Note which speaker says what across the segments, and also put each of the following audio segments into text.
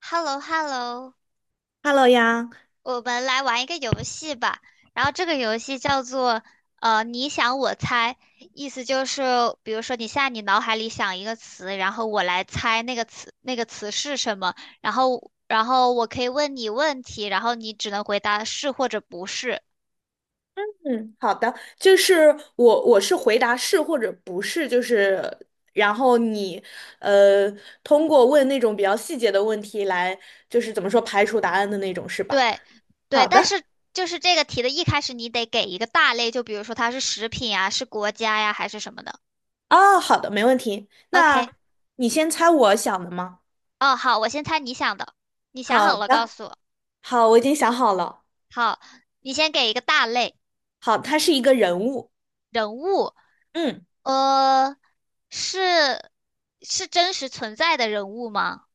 Speaker 1: h e l l o hello
Speaker 2: Hello 呀，
Speaker 1: 我们来玩一个游戏吧。然后这个游戏叫做你想我猜，意思就是，比如说你现在你脑海里想一个词，然后我来猜那个词是什么，然后我可以问你问题，然后你只能回答是或者不是。
Speaker 2: 嗯，好的，就是我是回答是或者不是，就是然后你呃通过问那种比较细节的问题来，就是怎么说排除答案的那种，是吧？
Speaker 1: 对，对，
Speaker 2: 好
Speaker 1: 但
Speaker 2: 的，
Speaker 1: 是就是这个题的一开始你得给一个大类，就比如说它是食品啊，是国家呀，还是什么的。
Speaker 2: 哦，好的，没问题。
Speaker 1: OK,
Speaker 2: 那你先猜我想的吗？
Speaker 1: 哦，好，我先猜你想的，你想好
Speaker 2: 好
Speaker 1: 了告
Speaker 2: 的，
Speaker 1: 诉我。
Speaker 2: 好，我已经想好了。
Speaker 1: 好，你先给一个大类，
Speaker 2: 好，他是一个人物，
Speaker 1: 人物，
Speaker 2: 嗯，
Speaker 1: 呃，是是真实存在的人物吗？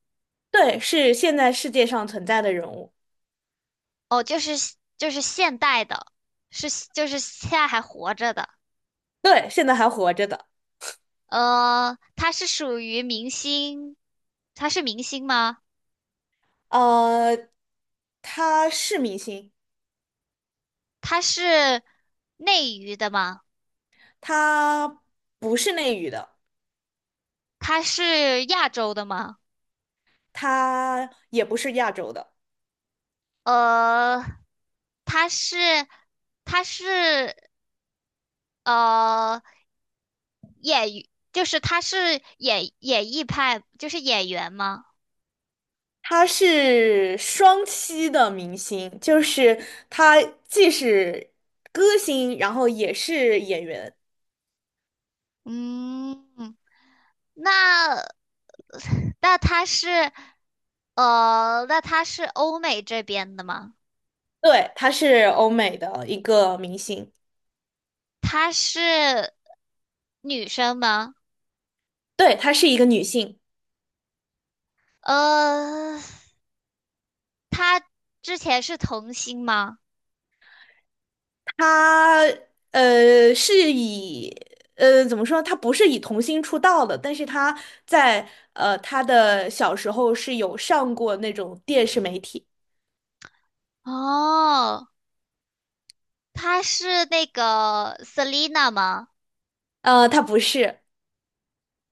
Speaker 2: 对，是现在世界上存在的人物，
Speaker 1: 哦，就是就是现代的，是就是现在还活着的。
Speaker 2: 对，现在还活着的。
Speaker 1: 他是属于明星，他是明星吗？
Speaker 2: 呃，他是明星。
Speaker 1: 他是内娱的吗？
Speaker 2: 他不是内娱的，
Speaker 1: 他是亚洲的吗？
Speaker 2: 他也不是亚洲的，
Speaker 1: 呃，他是他是呃。就是他是演艺派，就是演员吗？
Speaker 2: 他是双栖的明星，就是他既是歌星，然后也是演员。
Speaker 1: 嗯，那那他是那他是欧美这边的吗？
Speaker 2: 对，她是欧美的一个明星，
Speaker 1: 他是女生吗？
Speaker 2: 对，她是一个女性，
Speaker 1: 呃，他之前是童星吗？
Speaker 2: 她是以怎么说，她不是以童星出道的，但是在她的小时候是有上过那种电视媒体，
Speaker 1: 哦，他是那个 Selina 吗？
Speaker 2: 她不是。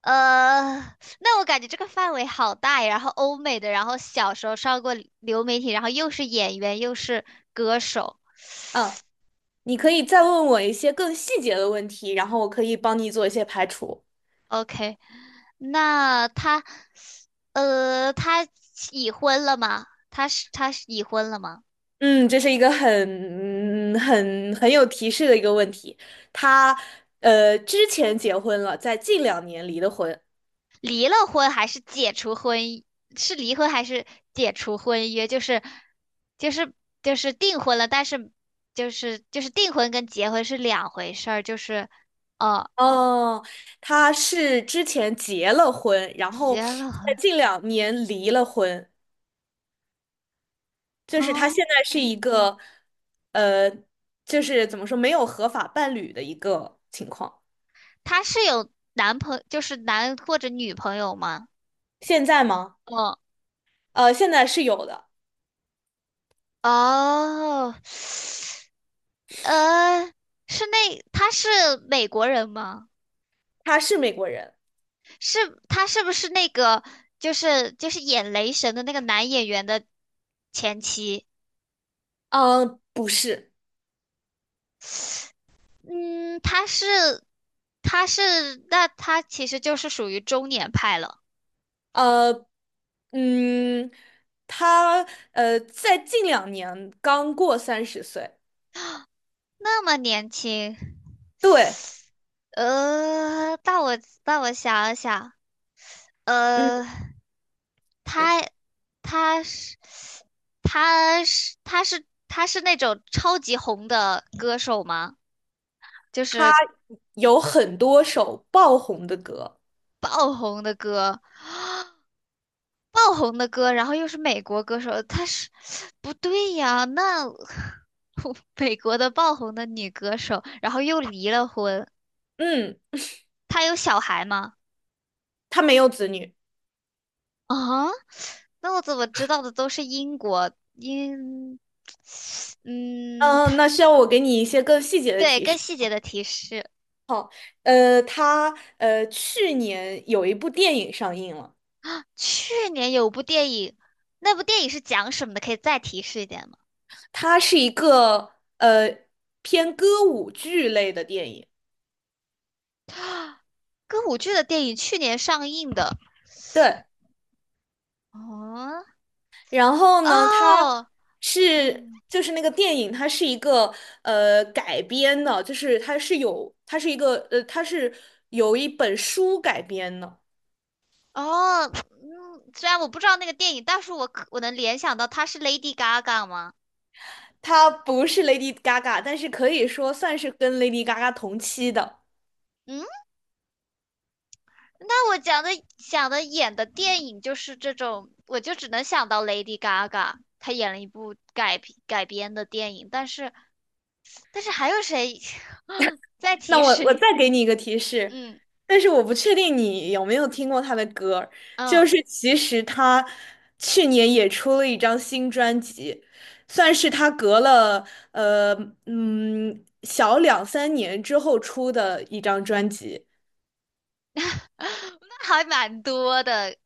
Speaker 1: 呃，那我感觉这个范围好大呀。然后欧美的，然后小时候上过流媒体，然后又是演员又是歌手。
Speaker 2: 嗯。你可
Speaker 1: 嗯
Speaker 2: 以再问我一些更细节的问题，然后我可以帮你做一些排除。
Speaker 1: OK,那他，他已婚了吗？他是已婚了吗？
Speaker 2: 嗯，这是一个很嗯很很有提示的一个问题。他之前结婚了，在近两年离的婚。
Speaker 1: 离了婚还是解除婚姻是离婚还是解除婚约？就是就是订婚了，但是就是订婚跟结婚是两回事儿，就是哦，
Speaker 2: 哦，他是之前结了婚，然后
Speaker 1: 结了
Speaker 2: 在
Speaker 1: 婚。
Speaker 2: 近两年离了婚，就是他现
Speaker 1: 哦，
Speaker 2: 在是一个呃，就是怎么说没有合法伴侣的一个情况。
Speaker 1: 他是有男朋就是男或者女朋友吗？
Speaker 2: 现在吗？
Speaker 1: 哦
Speaker 2: 现在是有的，
Speaker 1: 哦，呃，是那他是美国人吗？
Speaker 2: 他是美国人。
Speaker 1: 是他是不是那个就是演雷神的那个男演员的前妻？
Speaker 2: 不是，
Speaker 1: 嗯，他是那他其实就是属于中年派了，
Speaker 2: 呃，嗯，他在近两年刚过30岁，
Speaker 1: 那么年轻。
Speaker 2: 对，
Speaker 1: 呃，那我想一想，
Speaker 2: 嗯，
Speaker 1: 呃。他他是他他是那种超级红的歌手吗？就
Speaker 2: 他
Speaker 1: 是
Speaker 2: 有很多首爆红的歌，
Speaker 1: 爆红的歌，爆红的歌，然后又是美国歌手，他是 不对呀？那 美国的爆红的女歌手，然后又离了婚，
Speaker 2: 嗯，
Speaker 1: 她有小孩吗？
Speaker 2: 他没有子女，
Speaker 1: 啊？那我怎么知道的都是英国英？嗯，
Speaker 2: 嗯、那需要我给你一些更细节的
Speaker 1: 对，
Speaker 2: 提
Speaker 1: 更
Speaker 2: 示，
Speaker 1: 细节的提示。
Speaker 2: 他去年有一部电影上映了，
Speaker 1: 去年有部电影，那部电影是讲什么的？可以再提示一点吗？
Speaker 2: 它是一个偏歌舞剧类的电影，
Speaker 1: 歌舞剧的电影去年上映的。
Speaker 2: 对，
Speaker 1: 哦
Speaker 2: 然后呢，它
Speaker 1: 哦，
Speaker 2: 是
Speaker 1: 嗯
Speaker 2: 就是那个电影，它是一个改编的，就是它是有一本书改编的，
Speaker 1: 哦嗯，虽然我不知道那个电影，但是我可我能联想到它是 Lady Gaga 吗？
Speaker 2: 它不是 Lady Gaga，但是可以说算是跟 Lady Gaga 同期的。
Speaker 1: 嗯，那我讲的想的演的电影就是这种，我就只能想到 Lady Gaga,她演了一部改编的电影，但是但是还有谁？再
Speaker 2: 那
Speaker 1: 提
Speaker 2: 我
Speaker 1: 示，
Speaker 2: 再给你一个提示，
Speaker 1: 嗯
Speaker 2: 但是我不确定你有没有听过他的歌儿
Speaker 1: 嗯。
Speaker 2: 就是其实他去年也出了一张新专辑，算是他隔了呃小两三年之后出的一张专辑。
Speaker 1: 那还蛮多的。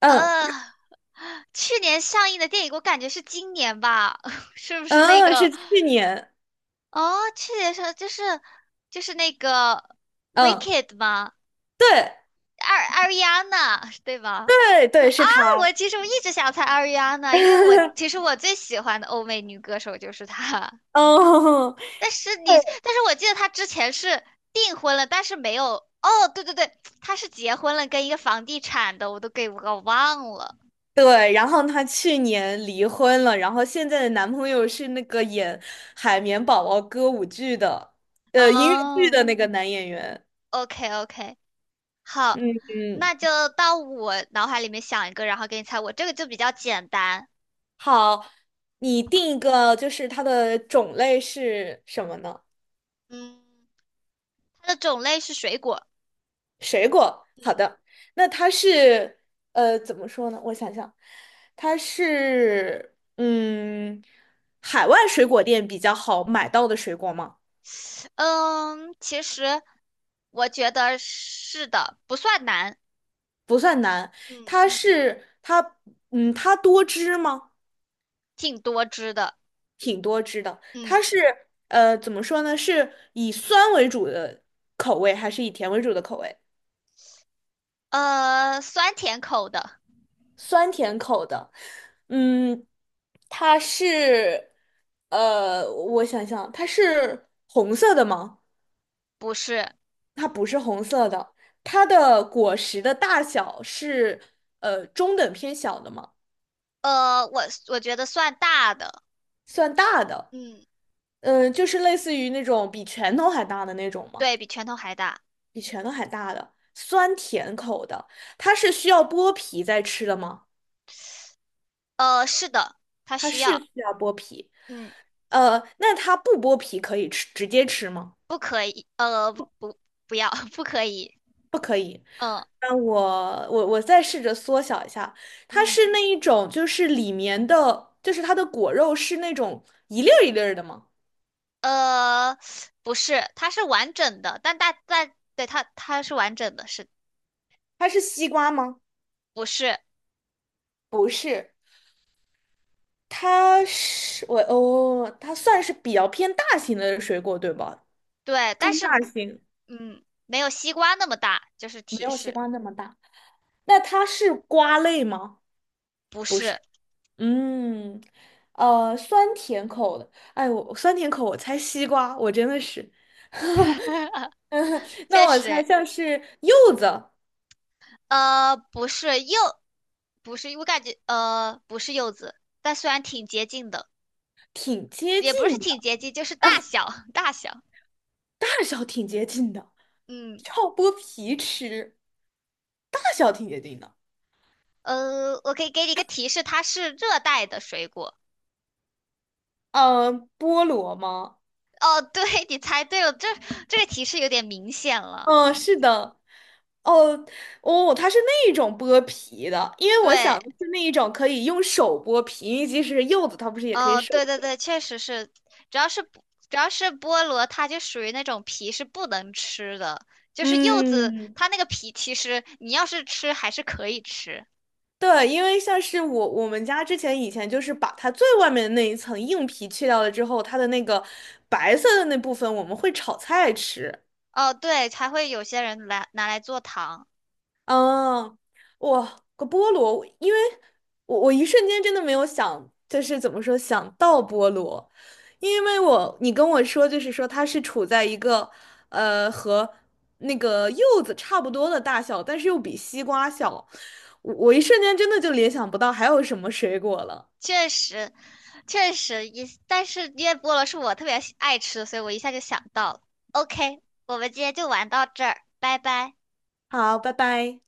Speaker 2: 嗯
Speaker 1: 呃，去年上映的电影，我感觉是今年吧，是不是那
Speaker 2: 嗯，
Speaker 1: 个？
Speaker 2: 是去年，
Speaker 1: 哦，去年上就是就是那个
Speaker 2: 嗯，
Speaker 1: 《Wicked》吗？
Speaker 2: 对
Speaker 1: Ariana 对吧？
Speaker 2: 对对，是
Speaker 1: 啊，
Speaker 2: 他。
Speaker 1: 我其实我一直想猜 Ariana，因为我其实 我最喜欢的欧美女歌手就是她。
Speaker 2: 哦，
Speaker 1: 但是你，但是我记得她之前是订婚了，但是没有。哦，对对对，她是结婚了，跟一个房地产的，我都给我忘了。
Speaker 2: 对，然后她去年离婚了，然后现在的男朋友是那个演《海绵宝宝》歌舞剧的，音乐剧
Speaker 1: 哦
Speaker 2: 的那个男演员。
Speaker 1: ，OK OK,好，
Speaker 2: 嗯
Speaker 1: 那
Speaker 2: 嗯，
Speaker 1: 就到我脑海里面想一个，然后给你猜我。这个就比较简单，
Speaker 2: 好，你定一个，就是它的种类是什么呢？
Speaker 1: 嗯，它的种类是水果。
Speaker 2: 水果。好
Speaker 1: 嗯，
Speaker 2: 的，那它是怎么说呢？我想想，它是嗯，海外水果店比较好买到的水果吗？
Speaker 1: 嗯，其实我觉得是的，不算难，
Speaker 2: 不算难，
Speaker 1: 嗯
Speaker 2: 它是它，嗯，它多汁吗？
Speaker 1: 挺多汁的。
Speaker 2: 挺多汁的。
Speaker 1: 嗯，
Speaker 2: 它是怎么说呢？是以酸为主的口味，还是以甜为主的口味？
Speaker 1: 酸甜口的
Speaker 2: 酸甜口的。嗯，它是我想想，它是红色的吗？
Speaker 1: 不是，
Speaker 2: 它不是红色的。它的果实的大小是中等偏小的吗？
Speaker 1: 我觉得算大的，
Speaker 2: 算大的，
Speaker 1: 嗯，
Speaker 2: 嗯，就是类似于那种比拳头还大的那种吗？
Speaker 1: 对比拳头还大。
Speaker 2: 比拳头还大的，酸甜口的，它是需要剥皮再吃的吗？
Speaker 1: 是的，它
Speaker 2: 它
Speaker 1: 需
Speaker 2: 是
Speaker 1: 要。
Speaker 2: 需要剥皮，
Speaker 1: 嗯。
Speaker 2: 那它不剥皮可以吃，直接吃吗？
Speaker 1: 不可以，不，不要，不可以，
Speaker 2: 可以。
Speaker 1: 嗯
Speaker 2: 那我再试着缩小一下，它
Speaker 1: 嗯，
Speaker 2: 是那一种，就是里面的，就是它的果肉是那种一粒儿一粒儿的吗？
Speaker 1: 呃，不是，它是完整的，但大但对它它是完整的，是
Speaker 2: 它是西瓜吗？
Speaker 1: 不是？
Speaker 2: 不是，它是我哦，它算是比较偏大型的水果，对吧？
Speaker 1: 对，
Speaker 2: 中
Speaker 1: 但是
Speaker 2: 大型，
Speaker 1: 嗯，没有西瓜那么大，就是
Speaker 2: 没
Speaker 1: 提
Speaker 2: 有西
Speaker 1: 示，
Speaker 2: 瓜那么大。那它是瓜类吗？
Speaker 1: 不
Speaker 2: 不是。
Speaker 1: 是，
Speaker 2: 嗯，酸甜口的。哎，我酸甜口，我猜西瓜，我真的是。那
Speaker 1: 确
Speaker 2: 我
Speaker 1: 实，
Speaker 2: 猜
Speaker 1: 诶
Speaker 2: 像是柚子，
Speaker 1: 不是柚，不是，我感觉不是柚子，但虽然挺接近的，
Speaker 2: 挺接近
Speaker 1: 也不是
Speaker 2: 的，
Speaker 1: 挺接近，就是大小 大小，
Speaker 2: 大小挺接近的，
Speaker 1: 嗯，
Speaker 2: 要剥皮吃，大小挺接近的。
Speaker 1: 我可以给你一个提示，它是热带的水果。
Speaker 2: 嗯、菠萝吗？
Speaker 1: 哦，对，你猜对了，这个提示有点明显了。
Speaker 2: 嗯，是的，哦，哦，它是那一种剥皮的，因为我想
Speaker 1: 对，
Speaker 2: 的是那一种可以用手剥皮，因为即使是柚子，它不是也可以
Speaker 1: 哦，
Speaker 2: 手
Speaker 1: 对对
Speaker 2: 剥？
Speaker 1: 对，确实是，主要是不主要是菠萝，它就属于那种皮是不能吃的，就是柚子
Speaker 2: 嗯，
Speaker 1: 它那个皮，其实你要是吃还是可以吃。
Speaker 2: 对，因为像是我们家之前以前就是把它最外面的那一层硬皮去掉了之后，它的那个白色的那部分我们会炒菜吃。
Speaker 1: 哦，对，才会有些人来拿来做糖，
Speaker 2: 哦，我个菠萝，因为我一瞬间真的没有想，就是怎么说想到菠萝，因为你跟我说就是说它是处在一个和那个柚子差不多的大小，但是又比西瓜小，我一瞬间真的就联想不到还有什么水果了。
Speaker 1: 确实，确实也，但是因为菠萝是我特别喜爱吃的所以我一下就想到了。OK,我们今天就玩到这儿，拜拜。
Speaker 2: 好，拜拜。